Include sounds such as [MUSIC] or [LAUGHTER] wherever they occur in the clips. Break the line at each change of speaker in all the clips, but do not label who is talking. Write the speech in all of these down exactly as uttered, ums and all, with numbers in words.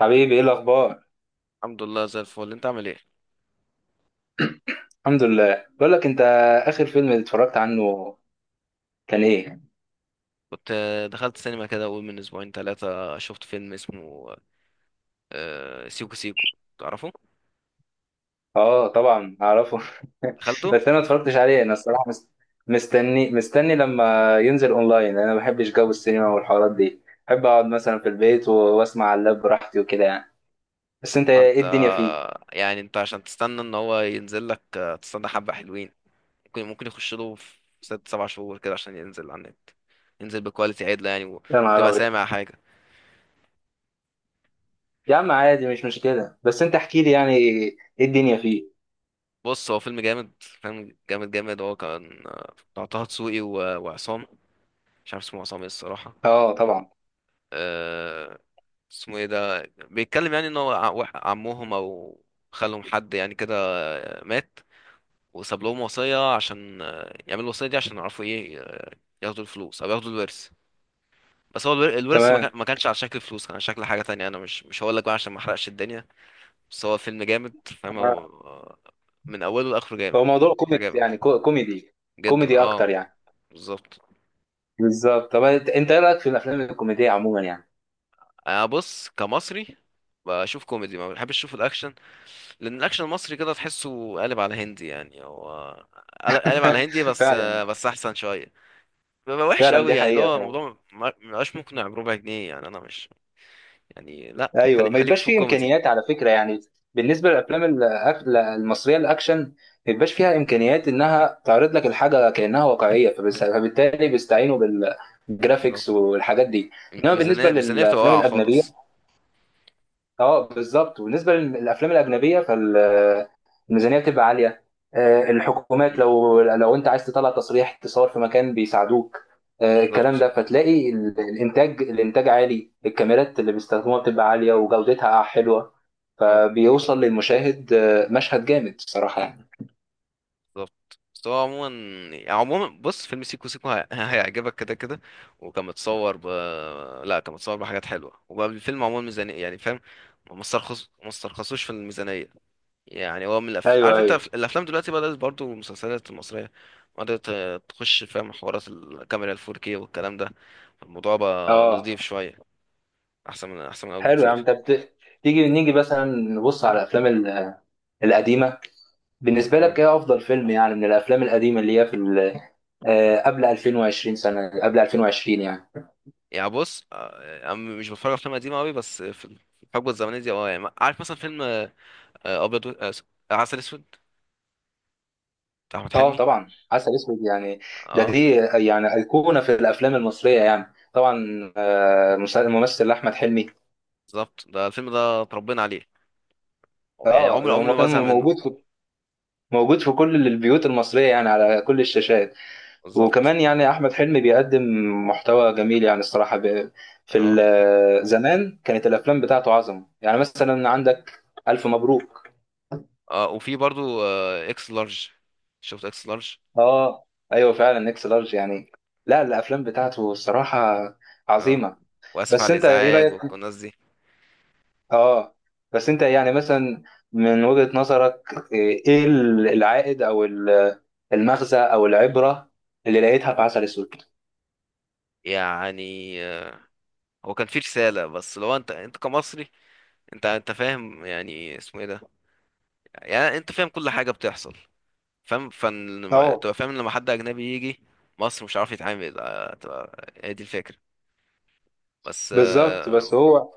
حبيبي، ايه الاخبار؟
الحمد لله زي الفل، انت عامل ايه؟
الحمد لله. بقول لك انت، اخر فيلم اتفرجت عنه كان ايه؟
كنت آه، دخلت سينما كده، اول من اسبوعين ثلاثة شفت فيلم اسمه آه، سيكو سيكو. تعرفه؟
اه، طبعا اعرفه. [LAUGHS]
دخلته.
بس انا ما اتفرجتش عليه. انا الصراحه مست... مستني مستني لما ينزل اونلاين. انا ما بحبش جو السينما والحوارات دي. بحب اقعد مثلا في البيت و- واسمع على اللاب براحتي وكده يعني. بس انت، ايه
انت
الدنيا فيه؟
آه، يعني انت عشان تستنى ان هو ينزل لك، آه، تستنى حبة حلوين. ممكن ممكن يخش له في ست سبع شهور كده عشان ينزل على النت. ينزل بكواليتي عدلة يعني
يا نهار
وتبقى
ابيض!
سامع حاجة.
يا عم عادي، مش مشكله. بس انت احكي لي، يعني ايه الدنيا فيه؟
بص، هو فيلم جامد، فيلم جامد جامد. هو كان آه، بتاع طه دسوقي و- وعصام. مش عارف اسمه عصام ايه الصراحة.
اه، طبعا.
آه، اسمه ايه ده؟ بيتكلم يعني ان هو ع- وح- عمهم او خالهم، حد يعني كده آه، مات. وساب لهم وصية عشان آه، يعملوا الوصية دي عشان يعرفوا ايه، آه، ياخدوا الفلوس او ياخدوا الورث. بس هو الور- الورث، ما كان-
تمام.
ما كانش على شكل فلوس، كان على شكل حاجة تانية. انا مش مش هقول لك بقى عشان ما احرقش الدنيا. بس هو فيلم جامد فاهم. هو آه، من اوله لاخره جامد.
هو موضوع كوميك،
عجبك؟
يعني كو- كوميدي؟
جدا،
كوميدي
اه.
اكتر يعني.
بالظبط.
بالظبط. طب انت انت ايه رايك في الافلام الكوميديه عموما يعني؟
انا بص، كمصري بشوف كوميدي، ما بحبش اشوف الاكشن. لان الاكشن المصري كده تحسه قالب على هندي يعني. هو قال- قالب على هندي
[LAUGHS]
بس.
فعلا.
بس احسن شويه. بيبقى وحش
فعلا
قوي
دي
يعني، اللي
حقيقه
هو
فعلا.
الموضوع ما ما بقاش مقنع بربع جنيه، يعني انا مش. يعني لا،
ايوه،
خليك
ما
خليك
يبقاش
في
فيه
الكوميدي.
امكانيات على فكره يعني. بالنسبه للافلام الأك- المصريه الاكشن، ما يبقاش فيها
مم،
امكانيات انها تعرض لك الحاجه كانها واقعيه، فبس- فبالتالي بيستعينوا بالجرافيكس
بالظبط.
والحاجات دي.
الم-
انما
الميزانيه
بالنسبه
الميزانيه بتبقى
للافلام
واقعه
الاجنبيه،
خالص.
اه بالظبط. وبالنسبه للافلام الاجنبيه فال الميزانيه بتبقى عاليه. آه، الحكومات،
مم،
لو لو انت عايز تطلع تصريح تصور في مكان بيساعدوك. آه، الكلام
بالظبط.
ده، فتلاقي ال- الانتاج الانتاج عالي، الكاميرات اللي بيستخدموها بتبقى عاليه وجودتها حلوه.
اه
فبيوصل للمشاهد آه، مشهد جامد الصراحه يعني.
بالظبط، بس هو عموما، يعني عموما، بص فيلم سيكو سيكو هي- هيعجبك كده كده. وكان متصور ب... لا، كان متصور بحاجات حلوه وبقى الفيلم عموما ميزانيه يعني فاهم. ما استرخص ما استرخصوش في الميزانيه. يعني هو من الأف...
ايوه،
عارف انت،
ايوه،
الافلام دلوقتي بدات برضو المسلسلات المصريه بدات تخش فاهم، حوارات الكاميرا ال فور كيه والكلام ده. الموضوع بقى
اه.
نضيف شويه، احسن من احسن من قبل
حلو يا عم.
بكتير.
طب ت- تيجي نيجي مثلا نبص على الافلام ال- القديمه. بالنسبه
اه
لك، ايه افضل فيلم يعني من الافلام القديمه اللي هي في ال- آه، قبل ألفين وعشرين سنه، قبل ألفين وعشرين يعني؟
يعني بص، آه، انا مش بتفرج على افلام قديمه قوي، بس في الحقبه الزمنيه دي اه يعني عارف مثلا فيلم، آه، ابيض و... آه، س- عسل اسود بتاع احمد
اه
حلمي.
طبعا، عسل اسود يعني. ده
اه
دي يعني ايقونه في الافلام المصريه يعني طبعا. آه، مس- الممثل احمد حلمي.
بالظبط، ده الفيلم ده اتربينا عليه. هو يعني
اه
عمري
ده
عمري
هو
ما
كان
بزهق منه.
موجود في موجود في كل البيوت المصريه، يعني على كل الشاشات.
بالظبط.
وكمان يعني احمد حلمي بيقدم محتوى جميل يعني الصراحه. ب- في
اه،
ال- زمان كانت الافلام بتاعته عظمه، يعني مثلا عندك الف مبروك.
اه، وفي برضو آه، اكس لارج. شفت اكس لارج؟
اه ايوه، فعلا اكس لارج يعني. لا، الافلام بتاعته الصراحه
اه.
عظيمه.
واسف على
بس انت ايه
الازعاج
رايك؟
والناس دي.
اه، بس انت يعني مثلا، من وجهة نظرك ايه، إيه ال- العائد او ال- المغزى او العبرة اللي لقيتها في عسل اسود؟
يعني آه، هو كان فيه رسالة، بس لو انت انت كمصري، انت انت فاهم يعني، اسمه ايه ده؟ يعني انت فاهم كل حاجة بتحصل، فاهم فن،
اه
تبقى فاهم إن لما حد اجنبي يجي مصر مش عارف يتعامل، آه، تبقى هي دي الفكرة، بس.
بالظبط. بس
آه،
هو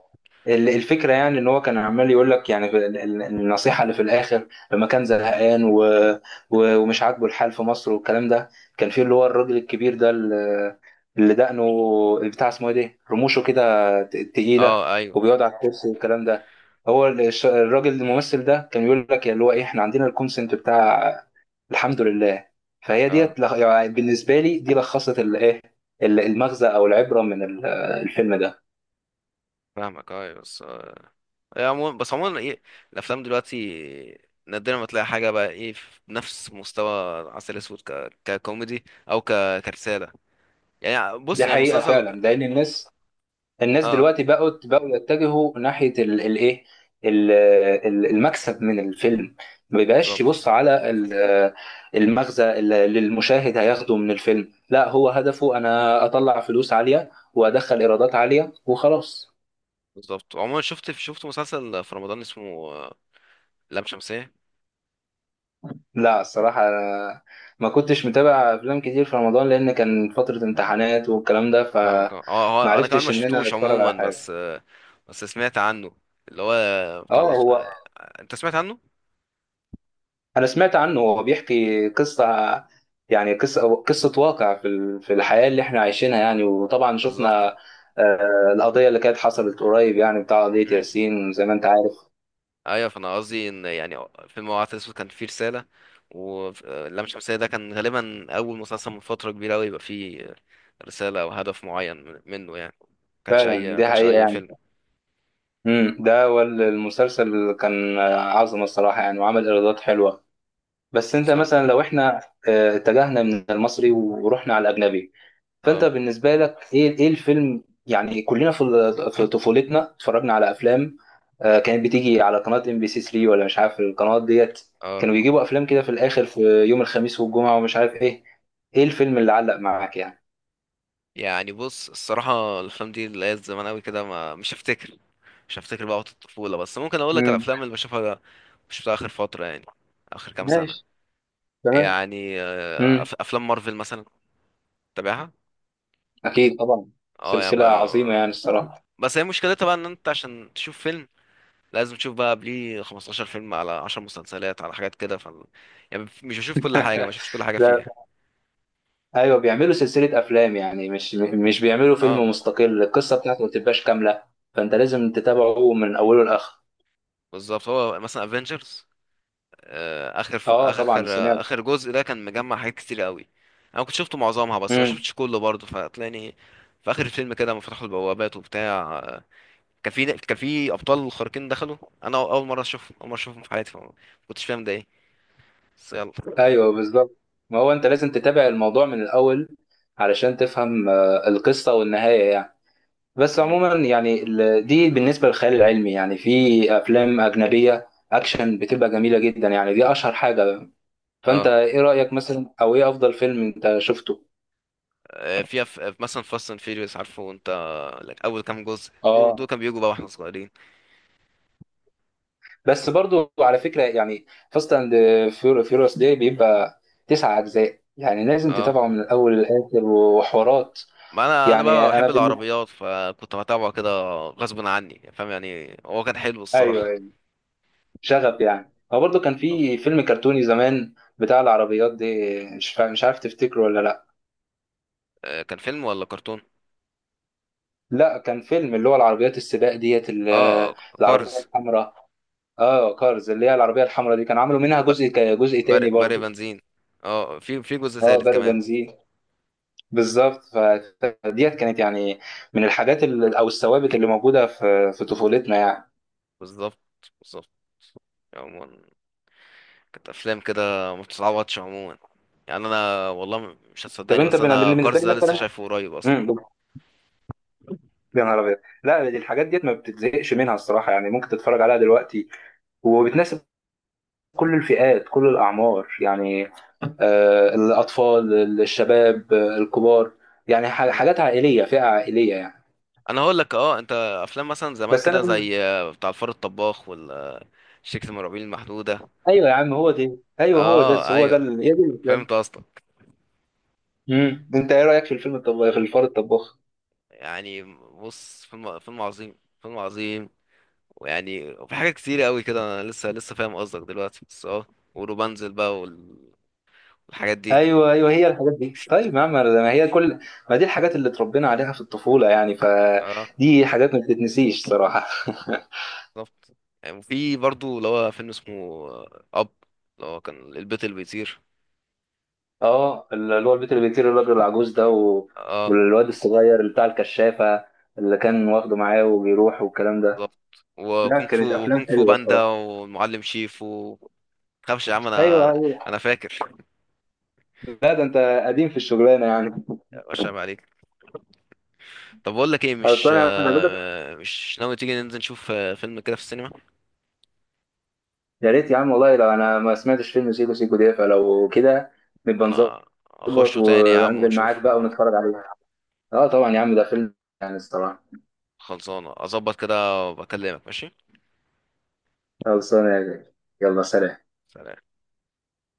ال- الفكرة يعني ان هو كان عمال يقول لك يعني، في ال- ال- النصيحة اللي في الاخر لما كان زهقان و... و... ومش عاجبه الحال في مصر والكلام ده. كان في اللي هو الراجل الكبير ده اللي, اللي دقنه بتاع، اسمه ايه ده، رموشه كده ت- تقيلة،
اه ايوه،
وبيقعد على الكرسي والكلام ده. هو ال- الش- الراجل الممثل ده كان بيقول لك اللي هو ايه، احنا عندنا الكونسنت بتاع الحمد لله. فهي
اه
ديت لخ- يعني بالنسبة لي دي لخصت الايه، المغزى او العبرة من ال- الفيلم ده.
فاهمك، اه أيوة، بس آه، يعني عموما، بس عموما ايه، الافلام دلوقتي نادرا ما تلاقي حاجه بقى ايه في نفس مستوى عسل اسود، ك... ككوميدي، او ك... كرساله. يعني
دي
بص يعني
حقيقة
مسلسل.
فعلا لأن الناس الناس
اه،
دلوقتي بقوا بقوا يتجهوا ناحية ال- الايه، ال- ال- المكسب من الفيلم. ما بيبقاش
بالظبط
يبص على ال- المغزى اللي اللي المشاهد هياخده من الفيلم، لا هو هدفه انا اطلع فلوس عالية وادخل ايرادات عالية وخلاص.
بالظبط. عموما شفت شفت مسلسل في رمضان اسمه آه، لام شمسية.
لا الصراحة، أنا ما كنتش متابع افلام كتير في رمضان لان كان فترة امتحانات والكلام ده،
فاهمك اه، هو- هو انا كمان ما
فمعرفتش ان انا
شفتوش
اتفرج
عموما،
على
بس
حاجة.
آه، بس سمعت عنه، اللي هو بتاع
اه
الأص...
هو
آه، انت سمعت عنه؟
انا سمعت عنه، هو بيحكي قصه، يعني قصه قصه واقع في ال- في الحياه اللي احنا عايشينها يعني، وطبعا
بالظبط،
شفنا آه، القضيه اللي كانت حصلت قريب، يعني بتاع قضيه ياسين زي ما انت عارف.
ايوه، فانا قصدي ان يعني فيلم العسل الاسود كان فيه رساله، واللام شمسيه ده كان غالبا اول مسلسل من فتره كبيره قوي يبقى فيه رساله او هدف معين من- منه يعني. ما كانش اي
فعلا
ما
دي
كانش
حقيقه
اي
يعني.
فيلم.
امم ده، والمسلسل كان آه، عظمه الصراحه يعني، وعمل ايرادات حلوه. بس انت
بالظبط.
مثلا لو احنا آه، اتجهنا من المصري ورحنا على الاجنبي، فانت
اه،
بالنسبه لك ايه، ايه الفيلم يعني. كلنا في ال- في طفولتنا اتفرجنا على افلام آه، كانت بتيجي على قناه ام بي سي ثلاثة ولا مش عارف القنوات ديت،
اه،
كانوا بيجيبوا افلام كده في الاخر، في يوم الخميس والجمعه ومش عارف ايه. ايه الفيلم اللي علق معاك يعني؟
يعني بص الصراحه، الافلام دي اللي هي زمان قوي كده ما مش هفتكر مش هفتكر بقى وقت الطفوله، بس ممكن اقول لك
مم.
الافلام اللي بشوفها مش بتاع اخر فتره يعني، اخر كام سنه.
ماشي. تمام.
يعني آه،
امم،
أف- افلام مارفل مثلا. تابعها؟
اكيد طبعا.
اه، يعني ب...
سلسله عظيمه يعني الصراحه.
بس هي مشكلتها بقى، ان انت عشان تشوف فيلم لازم تشوف بقى قبليه خمسة عشر فيلم على عشر مسلسلات على حاجات كده، ف... يعني مش بشوف كل حاجه، ما
[LAUGHS]
شفتش كل حاجه
لا،
فيها.
ايوه بيعملوا سلسله افلام يعني، مش مش بيعملوا
اه
فيلم مستقل، القصه بتاعته ما بتبقاش كامله. فانت لازم تتابعه من اوله لاخره.
بالظبط، هو مثلا افنجرز، اخر ف...
اه طبعا،
اخر
سمعت.
اخر جزء ده كان مجمع حاجات كتير قوي. انا كنت شفته معظمها بس ما
امم،
شفتش كله برضه، فتلاقيني في اخر الفيلم كده لما فتحوا البوابات وبتاع، آه، كان في كان في ابطال خارقين دخلوا. انا اول مره اشوفهم، اول مره اشوفهم في حياتي، فما كنتش فاهم ده ايه. بس يلا.
ايوه بالظبط. ما هو انت لازم تتابع الموضوع من الاول علشان تفهم آه، القصه والنهايه يعني. بس
مم.
عموما يعني ال- دي بالنسبه للخيال العلمي، يعني في افلام اجنبيه اكشن بتبقى جميله جدا يعني، دي اشهر حاجه. فانت
اه،
ايه رايك مثلا، او ايه افضل فيلم انت شفته؟
آه، فيها في مثلا فاست اند فيريوس، عارفه انت، لك اول كام جزء، دول دول
اه،
كانوا بيجوا بقى واحنا صغيرين.
بس برضو على فكره يعني، فاست اند فيوريوس دي بيبقى تسع اجزاء يعني لازم
اه،
تتابعه من الاول للاخر وحوارات.
ما انا انا
يعني
بقى
انا
بحب
بالنسبه،
العربيات فكنت بتابعه كده غصب عني، فاهم يعني، هو كان حلو
ايوه
الصراحه.
أيوه. شغف يعني، هو برضه كان في فيلم كرتوني زمان بتاع العربيات دي. مش فا- مش عارف تفتكره ولا لا.
آه، كان فيلم ولا كرتون؟
لا كان فيلم، اللي هو العربيات السباق ديت ال-
اه
العربية
كارز.
الحمراء. اه كارز، اللي هي العربية الحمراء دي كان عملوا منها
ب-
جزء ك- جزء تاني
برق برق
برضه.
بنزين. اه، في في جزء
اه
ثالث
برق
كمان.
بنزين. بالظبط. فديت كانت يعني من الحاجات ال- او الثوابت اللي موجودة في في طفولتنا يعني.
بالظبط، بالظبط. عموما كانت افلام كده ما بتتعوضش عموما. يعني انا والله م- مش
طب
هتصدقني،
انت
بس
بن-
انا
بالنسبة لي
كارز ده لسه
مثلا.
شايفه قريب اصلا.
امم يا نهار ابيض! لا دي الحاجات ديت ما بتتزهقش منها الصراحة يعني، ممكن تتفرج عليها دلوقتي، وبتناسب كل الفئات، كل الأعمار يعني. آه، الأطفال، الشباب، آه، الكبار، يعني ح- حاجات عائلية، فئة عائلية يعني.
انا هقول لك اه، انت افلام مثلا زمان
بس أنا
كده
بقول-
زي آه، بتاع الفار الطباخ والشركة المرعبين المحدودة.
أيوه يا عم، هو دي أيوه، هو ده
اه
هو ده
ايوه،
ال- هي دي الإسلام.
فهمت قصدك.
مم. أنت إيه رأيك في الفيلم الطباخ في الفار الطباخ؟
يعني بص فيلم فيلم عظيم، فيلم عظيم، ويعني وفي حاجات كتير قوي كده، انا لسه لسه فاهم قصدك دلوقتي بس اه، وروبانزل بقى والحاجات دي.
أيوه أيوه، هي الحاجات دي. طيب يا عم ما هي كل ما دي الحاجات اللي اتربينا عليها في الطفولة يعني،
اه
فدي حاجات ما بتتنسيش صراحة. [LAUGHS]
بالظبط. يعني وفي برضو اللي هو فيلم اسمه آه، اب، اللي هو كان البيت اللي بيطير.
اه، اللي هو البيت اللي بيطير، الراجل العجوز ده و...
اه
والواد الصغير اللي بتاع الكشافة، اللي كان واخده معاه وبيروح والكلام ده.
بالظبط.
لا
وكونغ
كانت
فو
افلام
وكونغ فو
حلوه
باندا
الصراحه.
والمعلم شيفو. تخافش يا عم،
ايوه،
انا
ايوه.
انا فاكر.
لا ده انت قديم في الشغلانه يعني.
مش عيب عليك. طب بقول لك ايه، مش
خلصان يا عم بقولك.
آه، مش ناوي تيجي ننزل نشوف آه، فيلم كده في السينما؟
يا ريت يا عم والله، لو انا ما سمعتش فيلم سيكو سيكو ده، فلو كده نبقى
انا
نظبط
اخشه تاني يا عم
وانزل معاك
ونشوف.
بقى ونتفرج عليه. اه طبعا يا عم، ده فيلم يعني الصراحه.
خلصانه، اظبط كده وبكلمك. ماشي.
خلصانه، يا جاي. يلا، سلام.
سلام.